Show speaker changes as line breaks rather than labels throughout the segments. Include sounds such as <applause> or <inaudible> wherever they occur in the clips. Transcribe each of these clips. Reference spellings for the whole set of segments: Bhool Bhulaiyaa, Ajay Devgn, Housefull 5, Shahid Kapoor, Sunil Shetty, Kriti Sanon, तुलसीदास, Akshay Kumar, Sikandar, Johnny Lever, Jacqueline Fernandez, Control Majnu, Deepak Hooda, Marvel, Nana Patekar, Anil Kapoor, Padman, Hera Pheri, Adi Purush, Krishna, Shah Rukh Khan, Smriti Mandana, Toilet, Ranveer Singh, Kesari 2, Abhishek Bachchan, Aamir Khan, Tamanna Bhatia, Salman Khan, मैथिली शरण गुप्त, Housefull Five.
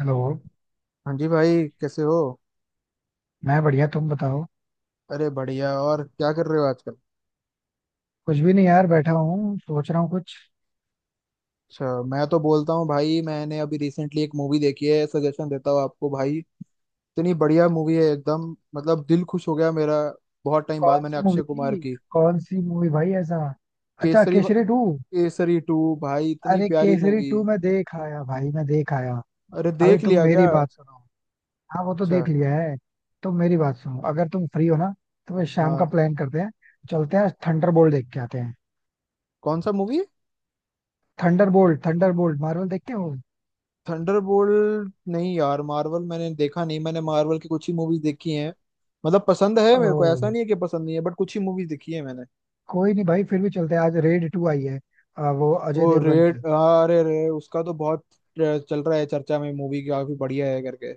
Hello.
हाँ जी, भाई कैसे हो?
मैं बढ़िया, तुम बताओ।
अरे बढ़िया। और क्या कर रहे हो आजकल?
कुछ भी नहीं यार, बैठा हूँ, सोच रहा हूँ कुछ।
अच्छा, मैं तो बोलता हूँ भाई, मैंने अभी रिसेंटली एक मूवी देखी है, सजेशन देता हूँ आपको भाई। इतनी बढ़िया मूवी है एकदम। मतलब दिल खुश हो गया मेरा। बहुत टाइम बाद
कौन
मैंने
सी
अक्षय
मूवी
कुमार
थी?
की,
कौन सी मूवी भाई ऐसा? अच्छा,
केसरी,
केसरी 2।
केसरी टू, भाई इतनी
अरे,
प्यारी
केसरी
मूवी।
2 मैं देख आया भाई, मैं देख आया।
अरे
अभी
देख
तुम
लिया क्या?
मेरी बात सुनो। हाँ, वो तो
अच्छा।
देख लिया है। तुम मेरी बात सुनो, अगर तुम फ्री हो ना तो फिर शाम का
हाँ।
प्लान करते हैं। चलते हैं, थंडरबोल्ट देख के आते हैं।
कौन सा मूवी?
थंडरबोल्ट, थंडरबोल्ट मार्वल देखते हो?
थंडरबोल्ट नहीं यार, मार्वल मैंने देखा नहीं, मैंने मार्वल की कुछ ही मूवीज देखी हैं। मतलब पसंद है मेरे को, ऐसा
ओ,
नहीं है कि पसंद नहीं है, बट कुछ ही मूवीज देखी है मैंने।
कोई नहीं भाई, फिर भी चलते हैं, आज रेड 2 आई है। वो अजय
वो
देवगन
रेड,
की।
हाँ, अरे रे उसका तो बहुत चल रहा है चर्चा में, मूवी काफी बढ़िया है करके।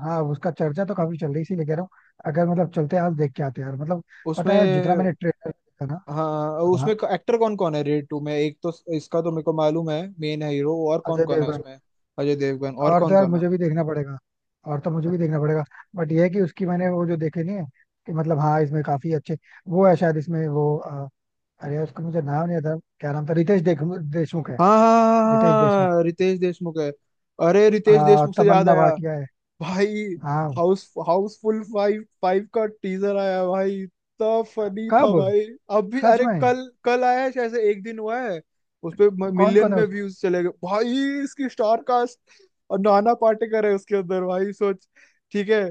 हाँ, उसका चर्चा तो काफी चल रही है, इसीलिए कह रहा हूँ। अगर मतलब चलते हैं, आज देख के आते हैं यार, मतलब पता है जितना
उसमें।
मैंने ट्रेलर देखा ना।
हाँ उसमें
हाँ,
एक्टर कौन कौन है रेड टू में? एक तो इसका तो मेरे को मालूम है, मेन है हीरो, और कौन
अजय
कौन है
देवगन।
उसमें? अजय देवगन, और
और तो
कौन
यार
कौन है?
मुझे भी देखना पड़ेगा। और तो मुझे भी
अच्छा।
देखना पड़ेगा। बट ये है कि उसकी मैंने वो जो देखे नहीं है, कि मतलब हाँ, इसमें काफी अच्छे वो है। शायद इसमें वो अरे उसका मुझे नाम नहीं आता, क्या नाम था? रितेश देख देशमुख है।
हाँ हाँ हाँ
रितेश
हाँ, हाँ,
देशमुख।
हाँ, रितेश देशमुख है। अरे रितेश देशमुख से याद
तमन्ना
आया
भाटिया है।
भाई,
हाँ।
हाउस हाउसफुल फाइव फाइव का टीजर आया भाई, इतना फनी था
कब?
भाई। अभी
सच
अरे,
में?
कल कल आया है, शायद से एक दिन हुआ है। उस पे
कौन
मिलियन
कौन है
में
उसमें?
व्यूज चले गए भाई। इसकी स्टार कास्ट। और नाना पाटेकर है उसके अंदर भाई, सोच। ठीक है।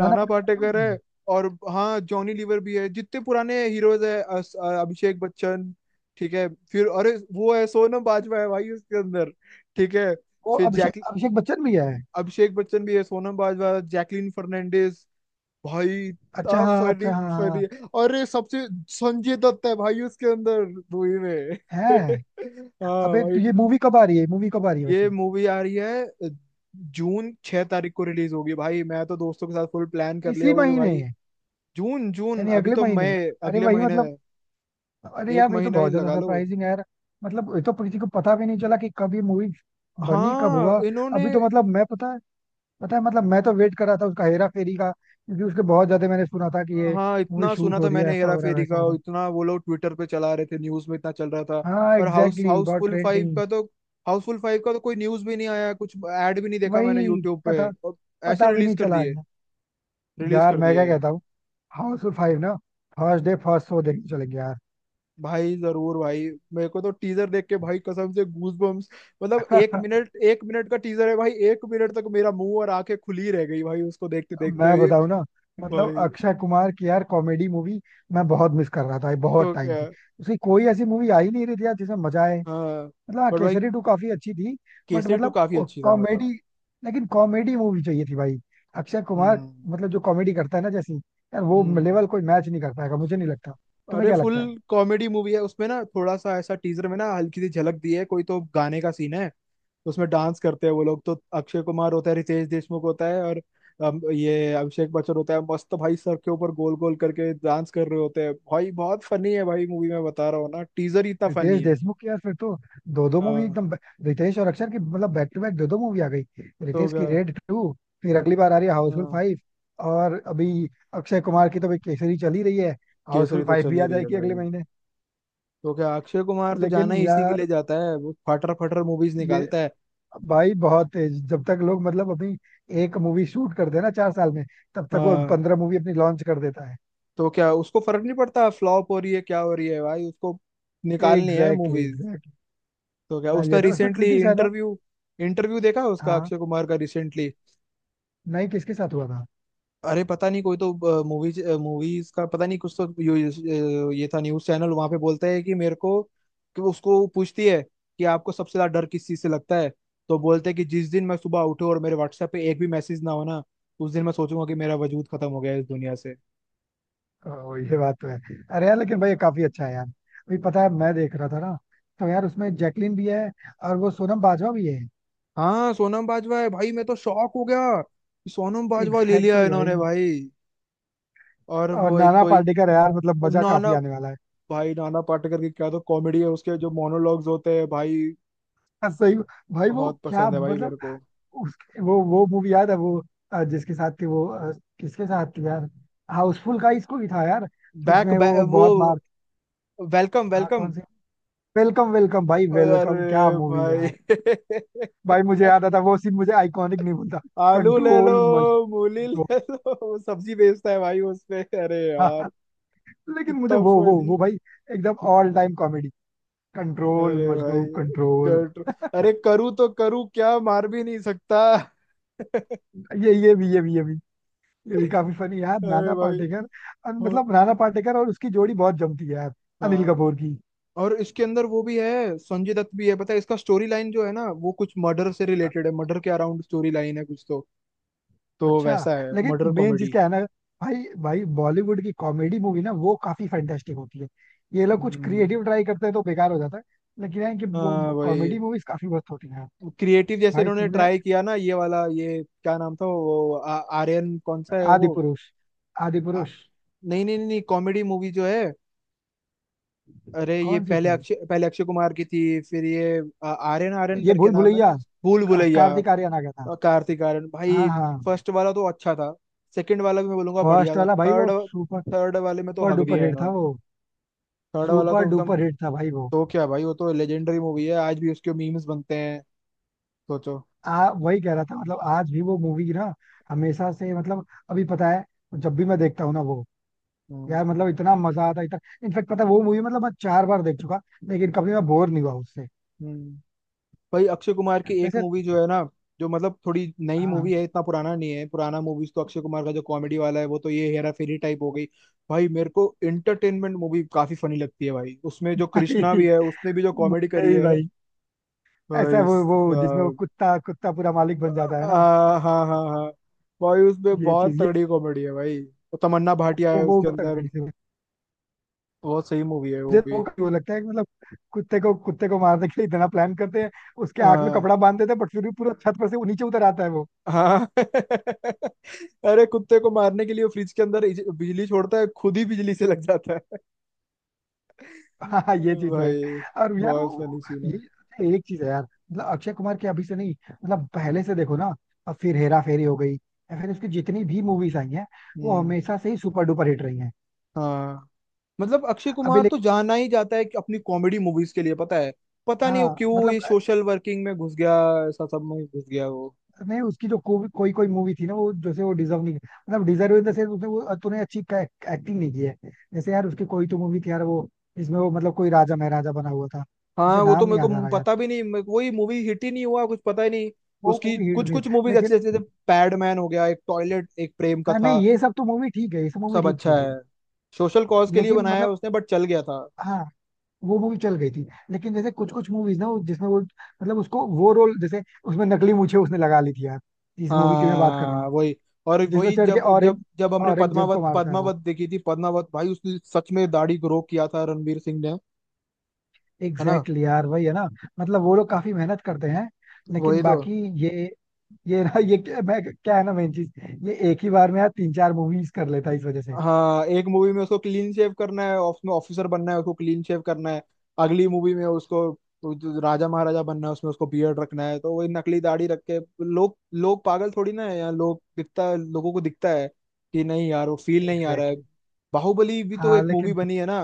नाना पाटेकर है
पाटेकर
उसमें।
है। और हाँ जॉनी लीवर भी है, जितने पुराने हीरोज है, अभिषेक बच्चन। ठीक है। फिर अरे वो है, सोनम बाजवा है भाई उसके अंदर। ठीक है।
वो
फिर
अभिषेक,
जैक
अभिषेक बच्चन भी है।
अभिषेक बच्चन भी है, सोनम बाजवा, जैकलीन फर्नांडिस, भाई
अच्छा,
इतना
हाँ,
फनी।
अच्छा, हाँ, हाँ,
फनी
हाँ।
है। और ये सबसे संजय दत्त है भाई उसके अंदर। मूवी में। <laughs>
है?
हाँ
अबे
भाई।
तो ये मूवी कब आ रही है, मूवी कब आ रही है
ये
वैसे?
मूवी आ रही है, जून 6 तारीख को रिलीज होगी भाई, मैं तो दोस्तों के साथ फुल प्लान कर लिया,
इसी
होगी
महीने
भाई।
है?
जून जून,
यानी
अभी
अगले
तो
महीने।
मई।
अरे
अगले
वही
महीने
मतलब।
है।
अरे
एक
यार, ये तो
महीना ही
बहुत ज्यादा
लगा लो।
सरप्राइजिंग है यार। मतलब ये तो किसी को पता भी नहीं चला कि कब ये मूवी बनी, कब
हाँ
हुआ।
इन्होंने।
अभी तो मतलब मैं, पता है मतलब मैं तो वेट कर रहा था उसका हेरा फेरी का, क्योंकि उसके बहुत ज्यादा मैंने सुना था कि ये
हाँ,
मूवी
इतना सुना
शूट हो
था
रही है,
मैंने
ऐसा
हेरा
हो रहा है,
फेरी
वैसा
का,
हो रहा
और
है।
इतना वो लोग ट्विटर पे चला रहे थे, न्यूज में इतना चल रहा था।
हाँ,
पर हाउस
एग्जैक्टली exactly, बहुत
हाउसफुल फाइव
ट्रेंडिंग।
का तो। हाउसफुल फाइव का तो कोई न्यूज भी नहीं आया, कुछ ऐड भी नहीं देखा मैंने
वही,
यूट्यूब पे
पता
और। ऐसे
पता भी
रिलीज
नहीं
कर
चला है
दिए।
यार।
रिलीज
यार
कर
मैं
दिए।
क्या कहता हूँ, हाउसफुल 5 ना, फर्स्ट डे फर्स्ट शो देखने चलेंगे यार।
भाई जरूर भाई। मेरे को तो टीजर देख के भाई कसम से गूज बम्स। मतलब एक
<laughs>
मिनट एक मिनट का टीजर है भाई, एक मिनट तक मेरा मुंह और आंखें खुली रह गई भाई उसको देखते देखते
मैं
ही।
बताऊं ना, मतलब
भाई।
अक्षय कुमार की यार कॉमेडी मूवी मैं बहुत मिस कर रहा था बहुत
तो
टाइम
क्या?
से। उसकी कोई ऐसी मूवी आ ही नहीं रही थी यार जिसमें मजा आए।
हाँ।
मतलब हाँ,
पर भाई
केसरी टू काफी अच्छी थी। बट
केसरी टू
मतलब
काफी अच्छी था मतलब।
कॉमेडी, लेकिन कॉमेडी मूवी चाहिए थी भाई, अक्षय कुमार।
हम्म।
मतलब जो कॉमेडी करता है ना जैसी यार, वो
हम्म।
लेवल कोई मैच नहीं करता है, मुझे नहीं लगता। तुम्हें
अरे
क्या
फुल
लगता है?
कॉमेडी मूवी है उसमें ना, थोड़ा सा ऐसा टीजर में ना हल्की सी झलक दी है, कोई तो गाने का सीन है। उसमें डांस करते हैं वो लोग, तो अक्षय कुमार होता है, रितेश देशमुख होता है, और ये अभिषेक बच्चन होता है, मस्त भाई सर के ऊपर गोल गोल करके डांस कर रहे होते हैं भाई, बहुत फनी है भाई मूवी, मैं बता रहा हूँ ना टीजर ही इतना
रितेश
फनी है।
देशमुख की यार फिर तो दो दो मूवी
हाँ।
एकदम रितेश और अक्षर की मतलब बैक टू बैक दो दो मूवी आ गई।
तो
रितेश
क्या?
की रेड 2। फिर अगली बार आ रही है हाउसफुल
हाँ,
5। और अभी अक्षय कुमार की तो भाई केसरी चल ही रही है।
केसरी
हाउसफुल
तो
फाइव
चल
भी
ही
आ
रही है
जाएगी अगले
भाई।
महीने।
तो क्या, अक्षय कुमार तो जाना
लेकिन
ही इसी के लिए
यार
जाता है, वो फटर फटर मूवीज
ये
निकालता है।
भाई बहुत तेज, जब तक लोग मतलब अपनी एक मूवी शूट करते हैं ना 4 साल में, तब तक वो
हाँ,
15 मूवी अपनी लॉन्च कर देता है।
तो क्या, उसको फर्क नहीं पड़ता फ्लॉप हो रही है क्या हो रही है भाई, उसको निकालनी है
एग्जैक्टली,
मूवीज।
एग्जैक्टली।
तो क्या,
हाँ,
उसका
ये था उसमें
recently
Kriti Sanon.
Interview interview देखा उसका
हाँ,
अक्षय कुमार का रिसेंटली।
नहीं, किसके साथ हुआ था?
अरे पता नहीं, कोई तो मूवीज मूवीज का पता नहीं कुछ तो ये था न्यूज चैनल, वहां पे बोलता है कि मेरे को। कि वो उसको पूछती है। कि आपको सबसे ज्यादा डर किस चीज से लगता है? तो बोलते हैं कि जिस दिन मैं सुबह उठूं और मेरे व्हाट्सएप पे एक भी मैसेज ना हो ना, उस दिन मैं सोचूंगा कि मेरा वजूद खत्म हो गया है इस दुनिया से।
ओ, ये बात तो है। अरे यार, लेकिन भाई ये काफी अच्छा है यार, अभी पता है मैं देख रहा था ना, तो यार उसमें जैकलिन भी है और वो सोनम बाजवा भी है।
हाँ, सोनम बाजवा है भाई, मैं तो शॉक हो गया कि सोनम बाजवा ले लिया
एग्जैक्टली
है
exactly
इन्होंने
भाई।
भाई। और
और
वो एक
नाना
कोई।
पाटेकर है यार, मतलब मजा
नाना।
काफी आने वाला है।
भाई नाना पाटेकर की क्या तो कॉमेडी है, उसके जो मोनोलॉग्स होते हैं भाई।
हाँ, सही। भाई वो
बहुत
क्या
पसंद है भाई
मतलब
मेरे को।
उस वो मूवी याद है, वो जिसके साथ थी, वो किसके साथ थी यार? हाउसफुल का इसको ही था यार,
बैक,
जिसमें
बैक
वो
वो
बहुत मार।
वेलकम।
हाँ,
वेलकम।
कौन सी? वेलकम, वेलकम भाई, वेलकम क्या
अरे
मूवी
भाई।
यार। भाई मुझे याद
<laughs>
आता, वो सीन मुझे आइकॉनिक नहीं भूलता।
आलू ले लो।
कंट्रोल मज।
मूली ले लो, वो सब्जी बेचता है भाई उसपे, अरे
<laughs> हाँ।
यार।
लेकिन मुझे
कितना
वो वो
funny।
वो भाई एकदम ऑल टाइम कॉमेडी। कंट्रोल
अरे भाई।
मजनू कंट्रोल।
कर अरे, करूँ तो करूँ क्या, मार भी नहीं सकता। <laughs>
ये ये भी ये भी ये भी ये भी काफी फनी यार,
अरे
नाना
भाई
पाटेकर।
वो-
मतलब नाना पाटेकर और उसकी जोड़ी बहुत जमती है यार, अनिल
हाँ।
कपूर की।
और इसके अंदर वो भी है, संजय दत्त भी है, पता है इसका स्टोरी लाइन जो है ना वो कुछ मर्डर से
अ-
रिलेटेड है, मर्डर के अराउंड स्टोरी लाइन है कुछ तो। तो
अच्छा,
वैसा है
लेकिन
मर्डर
मेन चीज
कॉमेडी।
क्या है ना, भाई भाई, बॉलीवुड की कॉमेडी मूवी ना वो काफी फैंटास्टिक होती है। ये लोग कुछ
हम्म।
क्रिएटिव ट्राई करते हैं तो बेकार हो जाता है। लेकिन है कि वो
हाँ भाई।
कॉमेडी मूवीज काफी मस्त होती हैं।
क्रिएटिव जैसे
भाई
इन्होंने
तुमने
ट्राई किया ना ये वाला, ये क्या नाम था वो आर्यन, कौन सा है
आदि
वो?
पुरुष, आदि
आ,
पुरुष,
नहीं नहीं नहीं, कॉमेडी मूवी जो है। अरे ये
कौन सी थी?
पहले अक्षय कुमार की थी, फिर ये। आर्यन आर्यन
ये
करके
भूल
नाम है ना।
भुलैया,
भूल भुलैया।
कार्तिक आर्यन आ गया था।
और कार्तिक आर्यन
हाँ
भाई।
हाँ।
फर्स्ट वाला तो अच्छा था। सेकंड वाला भी मैं बोलूंगा बढ़िया
फर्स्ट
था,
वाला भाई वो
थर्ड।
सुपर,
थर्ड वाले में तो
सुपर
हक दिया
डुपर
है
हिट था
इन्होंने।
वो,
थर्ड वाला
सुपर
तो एकदम।
डुपर हिट था भाई वो।
तो क्या भाई, वो तो लेजेंडरी मूवी है, आज भी उसके मीम्स बनते हैं। सोचो।
आ वही कह रहा था, मतलब आज भी वो मूवी ना हमेशा से, मतलब अभी पता है, जब भी मैं देखता हूँ ना वो,
हम्म।
यार मतलब इतना मजा आता है, इतना। इनफेक्ट पता है वो मूवी मतलब मैं 4 बार देख चुका, लेकिन कभी मैं बोर नहीं हुआ उससे।
हम्म। भाई अक्षय कुमार की एक
वैसे,
मूवी जो है ना, जो मतलब थोड़ी नई
हाँ
मूवी है, इतना पुराना नहीं है, पुराना मूवीज तो अक्षय कुमार का जो कॉमेडी वाला है वो तो, ये हेरा फेरी टाइप हो गई। भाई मेरे को एंटरटेनमेंट मूवी काफी फनी लगती है भाई, उसमें जो कृष्णा
भाई,
भी है उसने भी जो कॉमेडी
मुझे
करी
भी
है।
भाई, ऐसा
भाई
वो जिसमें वो
साहब।
कुत्ता कुत्ता पूरा मालिक बन जाता है ना।
हाँ हाँ हाँ हाँ। भाई उसमें
ये चीज,
बहुत
ये
तगड़ी कॉमेडी है भाई, वो तमन्ना भाटिया
वो
है
वो
उसके
बहुत
अंदर।
तगड़ी से।
बहुत सही मूवी है वो
मुझे तो
भी।
वो क्यों लगता है कि मतलब कुत्ते को, मारने के लिए इतना प्लान करते हैं, उसके आंख में
हाँ
कपड़ा बांध देते हैं, बट फिर भी पूरा छत पर से वो नीचे उतर आता है वो।
हाँ। <laughs> अरे कुत्ते को मारने के लिए वो फ्रिज के अंदर बिजली छोड़ता है, खुद ही बिजली से लग जाता है।
<laughs> हाँ हाँ,
<laughs>
ये चीज तो है।
भाई।
और यार
बहुत फनी
वो
सीन है।
ये अच्छा, एक चीज है यार, मतलब अक्षय कुमार की अभी से नहीं, मतलब पहले से देखो ना, अब फिर हेरा फेरी हो गई या फिर उसकी जितनी भी मूवीज आई हैं, वो
हम्म।
हमेशा से ही सुपर डुपर हिट रही हैं।
हाँ मतलब अक्षय
अभी
कुमार तो
लेकिन,
जाना ही जाता है कि अपनी कॉमेडी मूवीज के लिए पता है। पता नहीं वो
हाँ
क्यों
मतलब,
ये सोशल वर्किंग में घुस गया। ऐसा सब में घुस गया वो।
नहीं उसकी जो कोई कोई कोई मूवी थी ना, वो जैसे वो डिजर्व नहीं, मतलब डिजर्व इन द सेंस उसने वो तूने अच्छी एक्टिंग नहीं की है। जैसे यार उसकी कोई तो मूवी थी यार वो, जिसमें वो मतलब कोई राजा महाराजा बना हुआ था, मुझे
हाँ वो तो
नाम
मेरे
नहीं याद आ
को
रहा यार।
पता भी नहीं, मेरे को वही मूवी हिट ही नहीं हुआ, कुछ पता ही नहीं।
वो
उसकी
मूवी हिट
कुछ
नहीं।
कुछ मूवीज अच्छी अच्छी,
लेकिन
जैसे पैडमैन हो गया, एक टॉयलेट एक प्रेम का
हाँ
था।
नहीं, ये सब तो मूवी ठीक है, ये सब मूवी
सब
ठीक थी
अच्छा
भाई।
है। सोशल कॉज के लिए
लेकिन
बनाया है
मतलब,
उसने, बट चल गया था।
हाँ वो मूवी चल गई थी, लेकिन जैसे कुछ कुछ मूवीज ना, वो जिसमें वो मतलब उसको वो रोल जैसे, उसमें नकली मूछें उसने लगा ली थी यार, जिस मूवी की मैं बात कर रहा हूँ,
हाँ वही। और
जिसमें
वही
चढ़ के
जब जब
ऑरेंज
जब हमने
ऑरेंज जेब को
पद्मावत
मारता है वो।
पद्मावत देखी थी पद्मावत, भाई उसने सच में दाढ़ी ग्रो किया था रणवीर सिंह ने। है ना?
एग्जैक्टली exactly यार, वही है ना। मतलब वो लोग काफी मेहनत करते हैं, लेकिन
वही तो।
बाकी, ये ये ना ये क्या, मैं क्या है ना मेन चीज, ये एक ही बार में यार तीन चार मूवीज कर लेता है, इस वजह से।
हाँ, एक मूवी में उसको क्लीन शेव करना है, उसमें ऑफिसर बनना है उसको क्लीन शेव करना है। अगली मूवी में उसको, वो जो राजा महाराजा बनना है उसमें उसको बियर्ड रखना है, तो वही नकली दाढ़ी रख के। लोग लोग पागल थोड़ी ना है यहाँ, लोग दिखता है, लोगों को दिखता है। कि नहीं यार, वो फील नहीं आ रहा है।
Exactly exactly।
बाहुबली भी तो
हाँ
एक मूवी
लेकिन,
बनी है ना।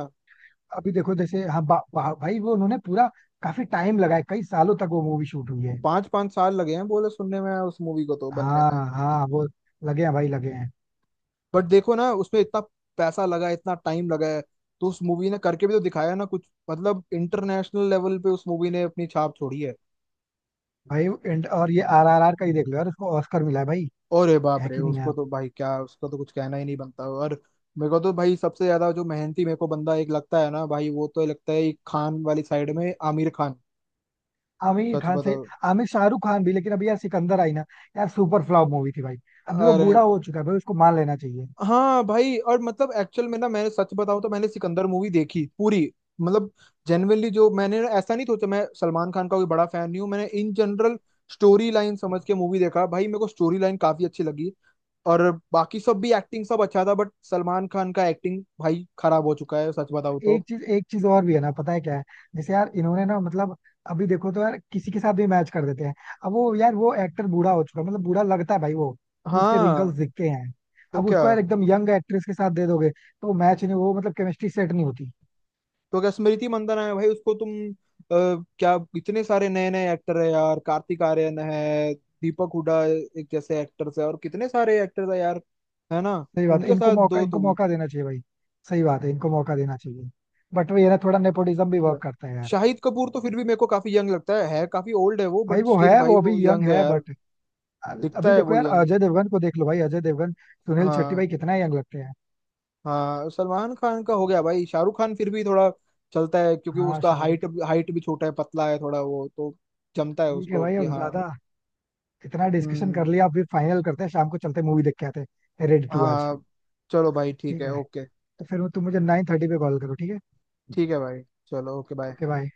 अभी देखो जैसे हाँ, बा, बा, भाई वो उन्होंने पूरा काफी टाइम लगाया, कई सालों तक वो मूवी शूट हुई है।
पांच पांच साल लगे हैं, बोले सुनने में, उस मूवी को तो बनने में।
हाँ हाँ वो लगे हैं भाई, लगे हैं।
बट देखो ना, उसमें इतना पैसा लगा है, इतना टाइम लगा है। तो उस मूवी ने करके भी तो दिखाया ना कुछ, मतलब इंटरनेशनल लेवल पे उस मूवी ने अपनी छाप छोड़ी है।
भाई एंड, और ये RRR का ही देख लो यार, उसको ऑस्कर मिला है भाई।
अरे बाप
है
रे,
कि नहीं
उसको
यार?
तो भाई क्या, उसको तो कुछ कहना ही नहीं बनता और। मेरे को तो भाई सबसे ज्यादा जो मेहनती मेरे को बंदा एक लगता है ना भाई, वो तो लगता है एक खान वाली साइड में आमिर खान।
आमिर
सच
खान से,
बताओ।
आमिर शाहरुख खान भी, लेकिन अभी यार सिकंदर आई ना, यार सुपर फ्लॉप मूवी थी भाई, अभी वो
अरे
बूढ़ा हो चुका है भाई, उसको मान लेना चाहिए।
हाँ भाई, और मतलब एक्चुअल में ना, मैंने सच बताऊं तो मैंने सिकंदर मूवी देखी पूरी। मतलब, जेनुअनली जो मैंने ना, ऐसा नहीं सोचा, मैं सलमान खान का कोई बड़ा फैन नहीं हूँ, मैंने इन जनरल स्टोरी लाइन समझ के मूवी देखा भाई, मेरे को स्टोरी लाइन काफी अच्छी लगी। और बाकी सब भी एक्टिंग सब अच्छा था, बट सलमान खान का एक्टिंग भाई खराब हो चुका है सच बताऊं
एक
तो।
चीज, और भी है ना, पता है क्या है? जैसे यार इन्होंने ना, मतलब अभी देखो तो यार किसी के साथ भी मैच कर देते हैं। अब वो यार वो एक्टर बूढ़ा हो चुका है, मतलब बूढ़ा लगता है भाई वो, उसके रिंकल्स
हाँ।
दिखते हैं।
तो
अब
क्या?
उसको यार एकदम यंग एक्ट्रेस के साथ दे दोगे तो मैच नहीं, वो मतलब केमिस्ट्री सेट नहीं होती।
तो क्या, स्मृति मंदाना है भाई, उसको तुम क्या, इतने सारे नए नए एक्टर है यार, कार्तिक आर्यन है। दीपक हुडा एक जैसे एक्टर्स है, और कितने सारे एक्टर्स है यार। है ना?
सही बात है,
उनके साथ दो
इनको
तुम।
मौका देना चाहिए भाई। सही बात है, इनको मौका देना चाहिए। बट वो ये ना, थोड़ा नेपोटिज्म भी
तो क्या,
वर्क करता है यार।
शाहिद कपूर तो फिर भी मेरे को काफी यंग लगता है काफी ओल्ड है वो
भाई
बट
वो
स्टिल
है,
भाई
वो अभी
वो
यंग
यंग है
है
यार।
बट,
दिखता
अभी
है
देखो
वो
यार
यंग।
अजय देवगन को देख लो, भाई अजय देवगन, सुनील शेट्टी,
हाँ
भाई कितना यंग लगते हैं।
हाँ, सलमान खान का हो गया भाई, शाहरुख खान फिर भी थोड़ा चलता है, क्योंकि
हाँ
उसका हाइट
शाहरुख
हाइट भी छोटा है, पतला है थोड़ा वो तो। जमता है
कपूर। ठीक है
उसको
भाई,
कि
अब
हाँ।
ज्यादा इतना डिस्कशन कर
हम्म।
लिया, अब फिर फाइनल करते हैं, शाम को चलते मूवी देख के आते हैं, रेडी टू आज,
हाँ चलो भाई, ठीक
ठीक
है
है?
ओके।
तो फिर तुम मुझे 9:30 पे कॉल करो, ठीक है?
ठीक है भाई। चलो ओके बाय।
Okay bye.